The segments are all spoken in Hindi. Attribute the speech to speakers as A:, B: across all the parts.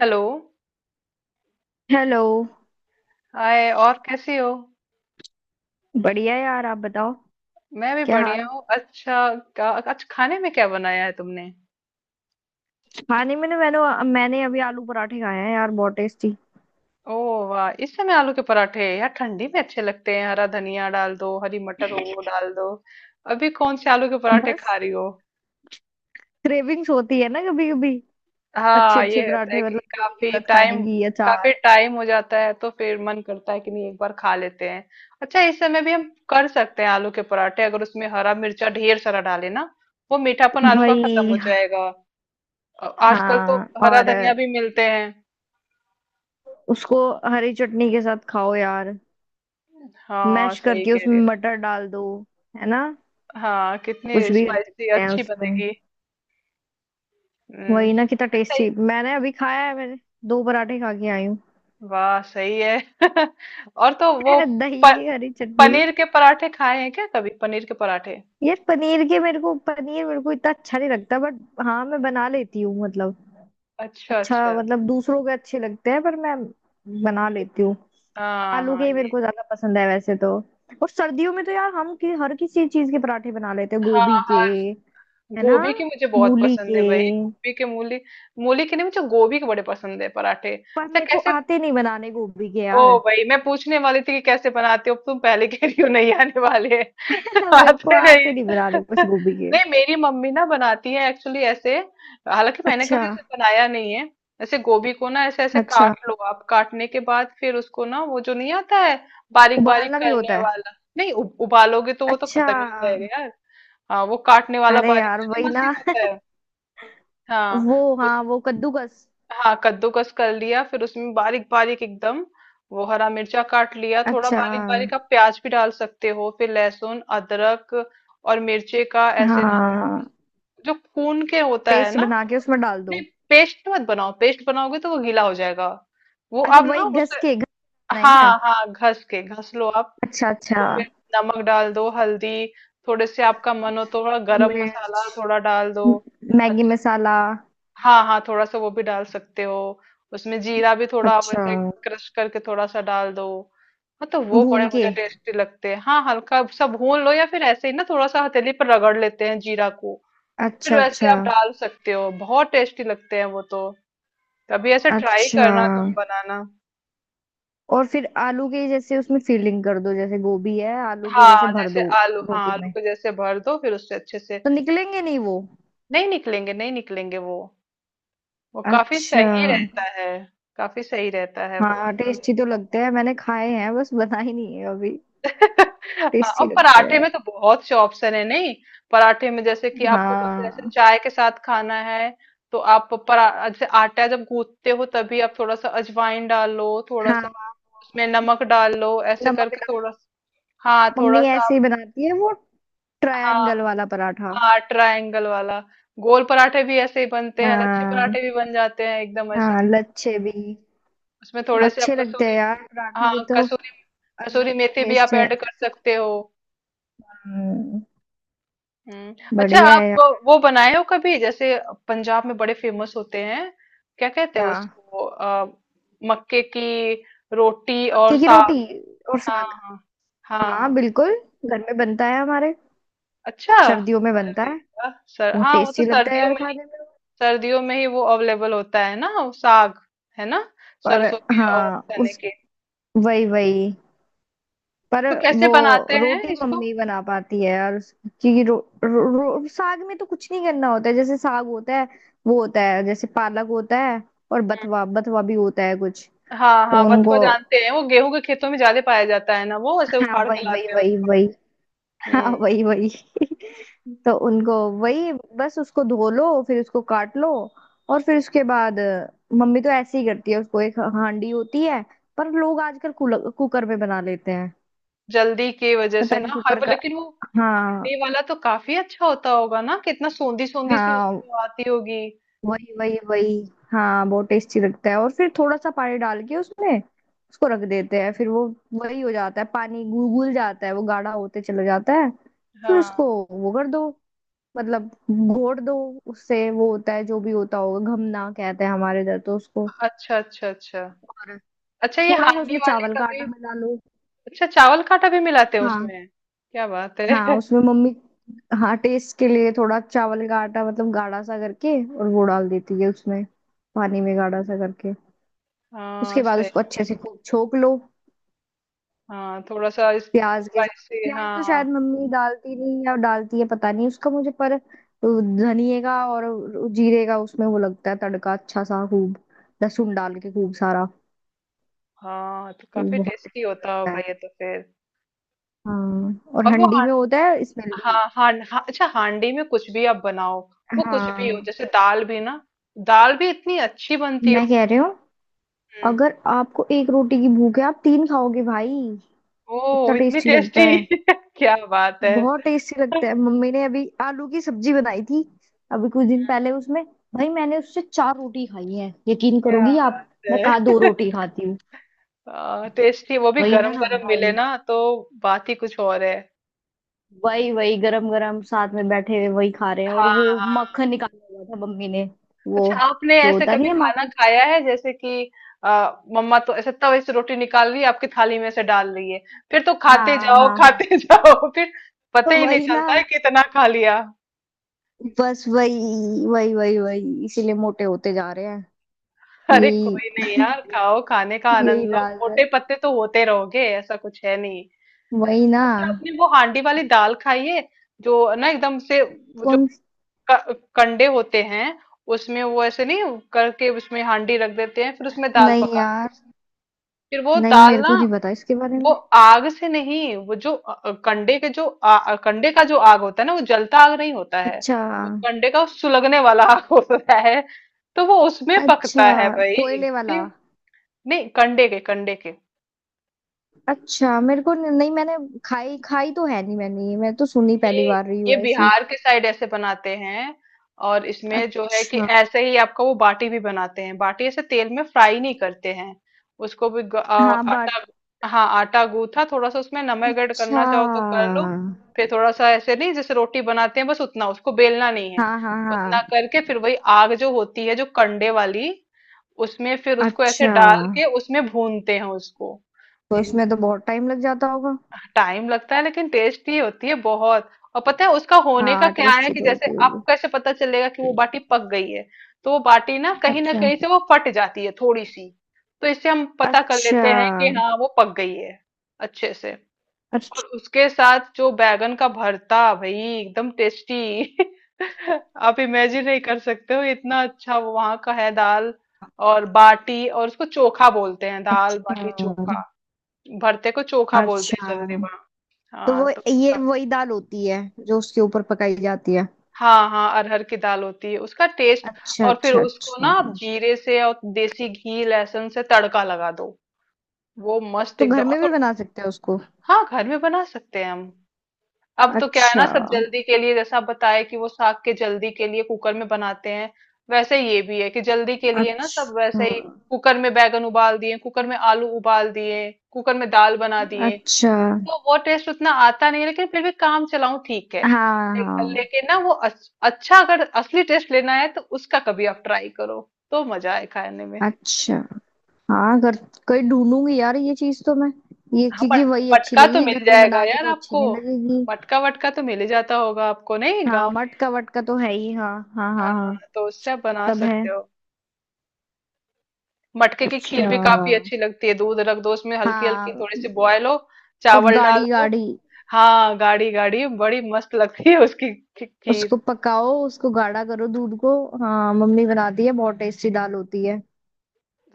A: हेलो।
B: हेलो।
A: हाय, और कैसी हो?
B: बढ़िया यार, आप बताओ।
A: मैं भी
B: क्या
A: बढ़िया
B: हाल।
A: हूँ। अच्छा, आज खाने में क्या बनाया है तुमने?
B: खाने में ना मैंने मैंने अभी आलू पराठे खाए हैं यार, बहुत टेस्टी।
A: ओ, वाह, इस समय आलू के पराठे। यार ठंडी में अच्छे लगते हैं। हरा धनिया डाल दो, हरी मटर हो वो डाल दो। अभी कौन से आलू के पराठे खा
B: बस
A: रही हो?
B: क्रेविंग्स होती है ना कभी कभी। अच्छे
A: हाँ,
B: अच्छे
A: ये होता है
B: पराठे
A: कि
B: मतलब दही के
A: काफी
B: साथ, खाने
A: टाइम।
B: की
A: काफी
B: अचार।
A: टाइम हो जाता है तो फिर मन करता है कि नहीं, एक बार खा लेते हैं। अच्छा, इस समय भी हम कर सकते हैं आलू के पराठे, अगर उसमें हरा मिर्चा ढेर सारा डाले ना, वो मीठापन आलू का खत्म हो
B: वही
A: जाएगा। आजकल तो
B: हाँ।
A: हरा
B: और
A: धनिया भी मिलते हैं।
B: उसको हरी चटनी के साथ खाओ यार,
A: हाँ,
B: मैश
A: सही
B: करके
A: कह
B: उसमें
A: रहे
B: मटर डाल दो, है ना।
A: हो। हाँ,
B: कुछ
A: कितनी
B: भी कर
A: स्पाइसी
B: सकते हैं
A: अच्छी
B: उसमें।
A: बनेगी। हम्म।
B: वही ना, कितना
A: अच्छा ये-
B: टेस्टी मैंने अभी खाया है मैंने। दो पराठे खा के आई हूँ।
A: वाह सही है। और तो वो प,
B: दही हरी चटनी।
A: पनीर के पराठे खाए हैं क्या कभी, पनीर के पराठे?
B: यार, पनीर मेरे को इतना अच्छा नहीं लगता बट। हाँ मैं बना लेती हूँ मतलब।
A: अच्छा
B: अच्छा
A: अच्छा।
B: मतलब दूसरों के अच्छे लगते हैं, पर मैं बना लेती हूँ।
A: हाँ
B: आलू के
A: हाँ
B: ही मेरे
A: ये।
B: को ज्यादा पसंद है वैसे तो। और सर्दियों में तो यार हम हर किसी चीज के पराठे बना लेते हैं,
A: हाँ
B: गोभी के,
A: हाँ,
B: है ना,
A: गोभी की मुझे बहुत
B: मूली
A: पसंद
B: के।
A: है भाई, गोभी के, मूली। मूली की नहीं, मुझे गोभी के बड़े पसंद है पराठे।
B: पर
A: अच्छा,
B: मेरे को
A: कैसे?
B: आते नहीं बनाने गोभी के
A: ओ
B: यार।
A: भाई, मैं पूछने वाली थी कि कैसे बनाते हो तुम, पहले कह रही हो नहीं, आने वाले
B: मेरे को
A: आते नहीं।
B: आते नहीं बनाने बस गोभी के।
A: नहीं, मेरी मम्मी ना बनाती है एक्चुअली ऐसे। हालांकि मैंने
B: अच्छा
A: कभी ऐसे बनाया नहीं है। ऐसे गोभी को ना, ऐसे ऐसे
B: अच्छा।
A: काट लो आप, काटने के बाद फिर उसको ना वो जो नहीं, आता है बारीक बारीक
B: उबालना भी
A: करने
B: होता है?
A: वाला। नहीं, उबालोगे तो वो तो
B: अच्छा।
A: खत्म ही हो जाएगा यार। हाँ, वो काटने वाला
B: अरे
A: बारीक
B: यार
A: वाली
B: वही ना।
A: मशीन होता है। हाँ
B: वो हाँ, वो कद्दूकस।
A: हाँ, कद्दूकस कर लिया, फिर उसमें बारीक बारीक एकदम। वो हरा मिर्चा काट लिया थोड़ा
B: अच्छा
A: बारीक बारीक, आप प्याज भी डाल सकते हो, फिर लहसुन अदरक और मिर्चे का ऐसे ना,
B: हाँ।
A: जो कून के होता है
B: पेस्ट
A: ना
B: बना के
A: तो।
B: उसमें डाल
A: नहीं,
B: दो।
A: पेस्ट मत बनाओ, पेस्ट बनाओगे तो वो गीला हो जाएगा। वो
B: अच्छा
A: आप ना
B: वही
A: उसे,
B: घस के है क्या।
A: हाँ हाँ घस के घस लो आप।
B: अच्छा अच्छा।
A: उसको फिर नमक डाल दो, हल्दी थोड़े से, आपका मन हो तो थोड़ा गरम
B: मिर्च,
A: मसाला थोड़ा डाल दो।
B: मैगी मसाला।
A: हाँ हाँ, थोड़ा सा वो भी डाल सकते हो। उसमें जीरा भी थोड़ा आप
B: अच्छा।
A: ऐसे क्रश करके थोड़ा सा डाल दो। हाँ, तो वो बड़े
B: भून के।
A: मुझे टेस्टी लगते हैं। हाँ, हल्का सा भून लो या फिर ऐसे ही ना थोड़ा सा हथेली पर रगड़ लेते हैं जीरा को, फिर
B: अच्छा
A: वैसे
B: अच्छा
A: आप डाल सकते हो, बहुत टेस्टी लगते हैं वो तो। कभी ऐसे ट्राई
B: अच्छा।
A: करना, तुम बनाना।
B: और फिर आलू के जैसे उसमें फीलिंग कर दो, जैसे गोभी है आलू के जैसे
A: हाँ
B: भर
A: जैसे
B: दो,
A: आलू, हाँ
B: रोटी
A: आलू
B: में
A: को जैसे भर दो, फिर उससे अच्छे से।
B: तो निकलेंगे नहीं वो।
A: नहीं निकलेंगे, नहीं निकलेंगे वो। वो काफी
B: अच्छा।
A: सही रहता है। काफी सही रहता है वो।
B: हाँ टेस्टी तो लगते हैं, मैंने खाए हैं, बस बना ही नहीं है अभी।
A: हाँ, और
B: टेस्टी लगते
A: पराठे में
B: हैं।
A: तो बहुत से ऑप्शन है नहीं। पराठे में जैसे कि आपको बस जैसे
B: हाँ
A: चाय के साथ खाना है, तो आप परा जैसे आटा जब गूंथते हो तभी आप थोड़ा सा अजवाइन डाल लो, थोड़ा सा
B: हाँ।
A: उसमें नमक डाल लो ऐसे
B: नमक
A: करके,
B: डाल।
A: थोड़ा सा। हाँ थोड़ा
B: मम्मी
A: सा
B: ऐसे
A: आप।
B: ही बनाती है वो,
A: हाँ
B: ट्रायंगल वाला पराठा।
A: हाँ, ट्रायंगल वाला। गोल पराठे भी ऐसे ही बनते हैं, लच्छे
B: हाँ
A: पराठे भी बन जाते हैं एकदम ऐसे।
B: हाँ लच्छे भी।
A: उसमें थोड़े से आप
B: अच्छे लगते हैं
A: कसूरी,
B: यार पराठे
A: हाँ
B: के तो,
A: कसूरी,
B: अलग
A: कसूरी मेथी भी
B: टेस्ट
A: आप
B: है।
A: ऐड कर
B: कसूरी
A: सकते हो।
B: मेथी। हम्म,
A: हम्म, अच्छा
B: बढ़िया है
A: आप
B: यार।
A: वो बनाए हो कभी जैसे, पंजाब में बड़े फेमस होते हैं, क्या कहते हैं
B: क्या।
A: उसको मक्के की रोटी और
B: मक्के की
A: साग।
B: रोटी और
A: हाँ
B: साग।
A: हाँ हाँ हाँ।
B: हाँ बिल्कुल, घर में बनता है हमारे,
A: अच्छा,
B: सर्दियों में बनता
A: अरे
B: है।
A: वाह। सर
B: बहुत
A: हाँ, वो तो
B: टेस्टी लगता है
A: सर्दियों
B: यार
A: में ही,
B: खाने में।
A: सर्दियों में ही वो अवेलेबल होता है ना वो साग, है ना,
B: पर
A: सरसों के और
B: हाँ
A: चने
B: उस,
A: के।
B: वही वही पर,
A: तो कैसे
B: वो
A: बनाते हैं
B: रोटी
A: इसको?
B: मम्मी बना पाती है, और क्योंकि रो, रो, रो, साग में तो कुछ नहीं करना होता है, जैसे साग होता है वो होता है जैसे पालक होता है, और
A: हम्म।
B: बथवा बथवा भी होता है कुछ।
A: हाँ
B: तो
A: हाँ, बथुआ
B: उनको
A: जानते हैं, वो गेहूं के खेतों में ज्यादा पाया जाता है ना, वो ऐसे
B: हाँ,
A: उखाड़ के
B: वही वही
A: लाते हैं
B: वही
A: उसको।
B: वही। हाँ
A: हम्म।
B: वही वही। तो उनको वही बस उसको धो लो, फिर उसको काट लो, और फिर उसके बाद मम्मी तो ऐसे ही करती है उसको, एक हांडी होती है। पर लोग आजकल कुकर में बना लेते हैं,
A: जल्दी की वजह से
B: पता नहीं
A: ना, हाँ
B: कुकर
A: पर
B: का।
A: लेकिन वो
B: हाँ
A: ये वाला तो काफी अच्छा होता होगा ना, कितना सोंधी सोंधी सी
B: हाँ,
A: उसमें वो आती होगी।
B: वही वही वही। हाँ बहुत टेस्टी लगता है, और फिर थोड़ा सा पानी डाल के उसमें उसको रख देते हैं, फिर वो वही हो जाता है, पानी घुल घुल जाता है, वो गाढ़ा होते चला जाता है, फिर उसको
A: हाँ।
B: वो कर दो, मतलब घोट दो। उससे वो होता है जो भी होता होगा, घमना कहते हैं हमारे इधर तो उसको।
A: अच्छा अच्छा अच्छा।
B: और
A: अच्छा, ये
B: थोड़ा सा
A: हांडी
B: उसमें
A: वाले
B: चावल का आटा
A: कभी।
B: मिला लो।
A: अच्छा, चावल का आटा भी मिलाते हैं
B: हाँ
A: उसमें, क्या बात
B: हाँ,
A: है।
B: उसमें मम्मी, हाँ टेस्ट के लिए थोड़ा चावल का आटा मतलब गाढ़ा सा करके, और वो डाल देती है उसमें, पानी में गाढ़ा सा करके।
A: हाँ,
B: उसके बाद उसको
A: सही।
B: अच्छे से खूब छोक लो,
A: हाँ, थोड़ा सा
B: प्याज के साथ।
A: स्पाइसी
B: प्याज तो
A: हाँ।
B: शायद मम्मी डालती नहीं या डालती है, पता नहीं उसका मुझे, पर वो धनिए का और जीरे का उसमें वो लगता है तड़का, अच्छा सा खूब लहसुन डाल के खूब सारा।
A: हाँ, तो
B: तो वो
A: काफी
B: बहुत
A: टेस्टी
B: टेस्टी
A: होता
B: लगता
A: होगा
B: है।
A: ये तो फिर।
B: हाँ और
A: और वो
B: हंडी
A: हां,
B: में होता है स्मेल भी।
A: हाँ हाँ हाँ। अच्छा, हांडी में कुछ भी आप बनाओ, वो कुछ भी हो
B: हाँ
A: जैसे दाल भी ना, दाल भी इतनी अच्छी बनती हो।
B: मैं कह रही हूँ,
A: हम्म।
B: अगर आपको एक रोटी की भूख है, आप तीन खाओगे भाई, इतना
A: ओह, इतनी
B: टेस्टी लगता
A: टेस्टी।
B: है।
A: क्या बात है।
B: बहुत टेस्टी लगता है। मम्मी ने अभी आलू की सब्जी बनाई थी अभी कुछ दिन पहले, उसमें भाई मैंने उससे चार रोटी खाई है, यकीन
A: क्या
B: करोगी आप,
A: बात
B: मैं कहा दो
A: है।
B: रोटी खाती हूँ।
A: टेस्टी वो भी
B: वही ना
A: गरम गरम मिले
B: भाई,
A: ना तो बात ही कुछ और है।
B: वही वही गरम गरम साथ में बैठे हुए वही खा रहे हैं, और
A: हाँ
B: वो
A: हाँ,
B: मक्खन निकाला हुआ था मम्मी ने, वो
A: अच्छा आपने
B: जो
A: ऐसे
B: होता
A: कभी
B: नहीं है
A: खाना
B: माखन।
A: खाया है जैसे कि, मम्मा तो ऐसे तवे से रोटी निकाल रही है आपकी थाली में से डाल रही है, फिर तो खाते
B: हाँ
A: जाओ
B: हाँ
A: खाते
B: हाँ।
A: जाओ फिर,
B: तो
A: पता ही नहीं
B: वही ना,
A: चलता है कितना खा लिया।
B: बस वही वही वही वही इसीलिए मोटे होते जा रहे हैं।
A: अरे कोई
B: यही
A: नहीं यार, खाओ, खाने का आनंद
B: यही
A: लो।
B: राज है।
A: मोटे पत्ते तो होते रहोगे, ऐसा कुछ है नहीं। है ना?
B: वही ना।
A: अच्छा, आपने वो हांडी वाली दाल खाई है, जो ना एकदम से वो जो
B: कौन
A: कंडे होते हैं, उसमें वो ऐसे नहीं करके उसमें हांडी रख देते हैं फिर उसमें दाल
B: नहीं
A: पकाते हैं,
B: यार।
A: फिर वो
B: नहीं
A: दाल
B: मेरे
A: ना,
B: को नहीं पता इसके बारे
A: वो
B: में।
A: आग से नहीं वो जो कंडे के जो कंडे का जो आग होता है ना, वो जलता आग नहीं होता है,
B: अच्छा
A: वो कंडे का सुलगने वाला आग होता है। तो वो उसमें
B: अच्छा।
A: पकता है भाई,
B: कोयले वाला।
A: नहीं, कंडे के, कंडे के।
B: अच्छा मेरे को न- नहीं, मैंने खाई खाई तो है नहीं मैंने, ये मैं तो सुनी पहली
A: ये
B: बार रही
A: ये
B: हूँ ऐसी।
A: बिहार के साइड ऐसे बनाते हैं। और इसमें जो है कि
B: अच्छा।
A: ऐसे ही आपका वो बाटी भी बनाते हैं, बाटी ऐसे तेल में फ्राई नहीं करते हैं, उसको भी
B: हाँ बाट।
A: आटा, हाँ आटा गूथा थोड़ा सा, उसमें नमक ऐड
B: अच्छा।
A: करना चाहो तो कर लो, फिर थोड़ा सा ऐसे नहीं जैसे रोटी बनाते हैं बस उतना, उसको बेलना नहीं है
B: हाँ हाँ
A: उतना,
B: हाँ।
A: करके फिर वही आग जो होती है जो कंडे वाली, उसमें फिर उसको ऐसे
B: अच्छा।
A: डाल के उसमें भूनते हैं उसको।
B: तो इसमें तो बहुत टाइम लग जाता होगा।
A: टाइम लगता है लेकिन टेस्टी होती है बहुत। और पता है उसका होने का
B: हाँ
A: क्या है,
B: टेस्टी
A: कि
B: तो
A: जैसे
B: होती
A: आप
B: होगी।
A: कैसे पता चलेगा कि वो बाटी पक गई है, तो वो बाटी ना
B: अच्छा
A: कहीं से वो फट जाती है थोड़ी सी, तो इससे हम पता कर
B: अच्छा
A: लेते हैं कि हाँ वो पक गई है अच्छे से।
B: अच्छा।
A: और उसके साथ जो बैगन का भरता भाई, एकदम टेस्टी। आप इमेजिन नहीं कर सकते हो, इतना अच्छा वो वहां का है। दाल और बाटी, और उसको चोखा बोलते हैं, दाल
B: अच्छा
A: बाटी चोखा। भरते को चोखा बोलते हैं
B: अच्छा।
A: जल्दी।
B: तो
A: हाँ
B: वो
A: तो,
B: ये वही दाल होती है जो उसके ऊपर पकाई जाती है।
A: हाँ हाँ, अरहर की दाल होती है उसका टेस्ट।
B: अच्छा
A: और फिर
B: अच्छा
A: उसको ना
B: अच्छा।
A: आप जीरे से और देसी घी लहसुन से तड़का लगा दो, वो मस्त
B: तो
A: एकदम
B: घर
A: और
B: में भी बना सकते हैं उसको।
A: हाँ, घर में बना सकते हैं हम। अब तो क्या है ना,
B: अच्छा
A: सब जल्दी के लिए, जैसा आप बताए कि वो साग के जल्दी के लिए कुकर में बनाते हैं, वैसे ये भी है कि जल्दी के लिए ना सब
B: अच्छा
A: वैसे ही, कुकर में बैगन उबाल दिए, कुकर में आलू उबाल दिए, कुकर में दाल बना दिए,
B: अच्छा।
A: तो वो टेस्ट उतना आता नहीं है, लेकिन फिर भी काम चलाऊं ठीक है।
B: हाँ हाँ।
A: लेकिन ना वो अच्छा, अगर असली टेस्ट लेना है तो उसका कभी आप ट्राई करो, तो मजा आए खाने में।
B: अच्छा। हाँ घर, कहीं ढूंढूंगी यार ये चीज तो मैं, ये
A: हाँ
B: क्योंकि वही अच्छी
A: मटका तो
B: लगी,
A: मिल
B: घर में
A: जाएगा
B: बना के
A: यार
B: तो अच्छी
A: आपको,
B: नहीं लगेगी।
A: मटका वटका तो मिल ही जाता होगा आपको नहीं, गाँव
B: हाँ
A: में।
B: मटका वटका तो है ही, हाँ हाँ हाँ
A: हाँ,
B: हाँ।
A: तो उससे आप बना
B: सब है।
A: सकते हो। मटके की खीर
B: अच्छा।
A: भी काफी अच्छी लगती है, दूध रख दो उसमें हल्की हल्की
B: हाँ
A: थोड़ी सी बॉयल हो,
B: और
A: चावल डाल
B: गाढ़ी
A: दो।
B: गाढ़ी
A: हाँ गाढ़ी गाढ़ी, बड़ी मस्त लगती है उसकी
B: उसको
A: खीर।
B: पकाओ, उसको गाढ़ा करो दूध को। हाँ मम्मी बनाती है, बहुत टेस्टी दाल होती है,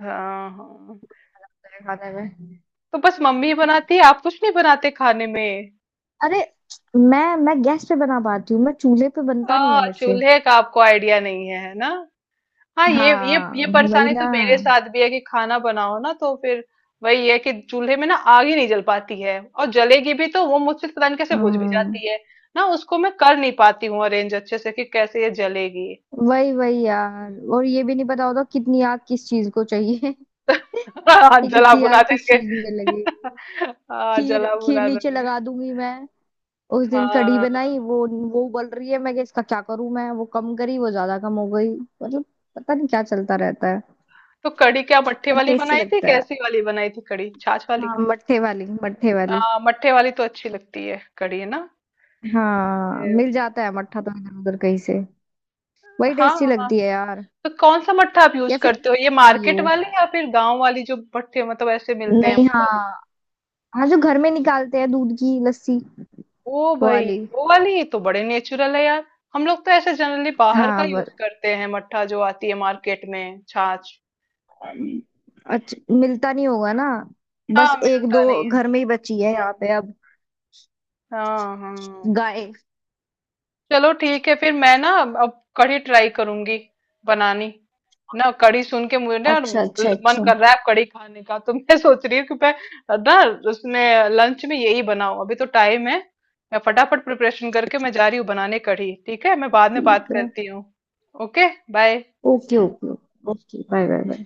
A: हाँ हाँ,
B: मेरे खाने में।
A: तो बस मम्मी बनाती है, आप कुछ नहीं बनाते खाने में?
B: अरे मैं गैस पे बना पाती हूँ, मैं चूल्हे पे बनता नहीं है मेरे से।
A: चूल्हे का आपको आइडिया नहीं है, है ना? हाँ, ये
B: हाँ। वही
A: परेशानी
B: ना।
A: तो मेरे साथ भी है कि खाना बनाओ ना तो फिर, वही है कि चूल्हे में ना आग ही नहीं जल पाती है, और जलेगी भी तो वो मुझसे तो पता नहीं कैसे बुझ भी
B: हाँ,
A: जाती है, ना उसको मैं कर नहीं पाती हूँ अरेंज अच्छे से कि कैसे ये जलेगी।
B: वही वही यार, और ये भी नहीं पता होता कितनी आग किस चीज को चाहिए।
A: हाँ,
B: ये
A: जला
B: कितनी
A: बुना
B: आग किस
A: देंगे।
B: चीज में लगेगी।
A: हाँ,
B: खीर
A: जला
B: खीर
A: बुना
B: नीचे
A: देंगे।
B: लगा दूंगी मैं। उस दिन कढ़ी
A: हाँ
B: बनाई वो उबल रही है, मैं कि इसका क्या करूं, मैं वो कम करी वो ज्यादा कम हो गई मतलब, पता नहीं क्या चलता रहता है,
A: तो कढ़ी क्या मट्ठे
B: पर
A: वाली
B: टेस्टी
A: बनाई थी
B: लगता है।
A: कैसी वाली बनाई थी कढ़ी, छाछ वाली?
B: हाँ मट्ठे वाली मट्ठे वाली।
A: हाँ, मट्ठे वाली तो अच्छी लगती है कढ़ी ना।
B: हाँ
A: ये-
B: मिल जाता है मट्ठा तो इधर उधर कहीं से। वही
A: हाँ
B: टेस्टी
A: हाँ,
B: लगती है यार,
A: तो कौन सा मट्ठा आप यूज
B: या फिर घर
A: करते हो,
B: का
A: ये
B: दही हो।
A: मार्केट वाली या फिर गांव वाली जो मट्ठे मतलब ऐसे मिलते हैं,
B: नहीं
A: वो
B: हाँ,
A: वाली?
B: हाँ जो घर में निकालते हैं दूध की लस्सी
A: ओ
B: वो
A: भाई,
B: वाली।
A: वो वाली तो बड़े नेचुरल है यार। हम लोग तो ऐसे जनरली बाहर का
B: हाँ बस।
A: यूज करते हैं मट्ठा, जो आती है मार्केट में छाछ।
B: अच्छा मिलता नहीं होगा ना, बस
A: हाँ,
B: एक दो
A: मिलता नहीं है।
B: घर में ही बची है यहाँ पे अब,
A: हाँ हाँ।
B: गाय।
A: चलो ठीक है फिर, मैं ना अब कढ़ी ट्राई करूंगी बनानी, ना कढ़ी सुन के मुझे ना
B: अच्छा अच्छा
A: मन
B: अच्छा।
A: कर रहा है अब कढ़ी खाने का, तो मैं सोच रही हूँ कि मैं ना उसमें लंच में यही बनाऊं, अभी तो टाइम है, मैं फटाफट प्रिपरेशन करके मैं जा रही हूँ बनाने कढ़ी, ठीक है? मैं बाद में बात
B: ठीक है।
A: करती हूँ। Okay, bye.
B: Okay okay. Okay bye bye bye.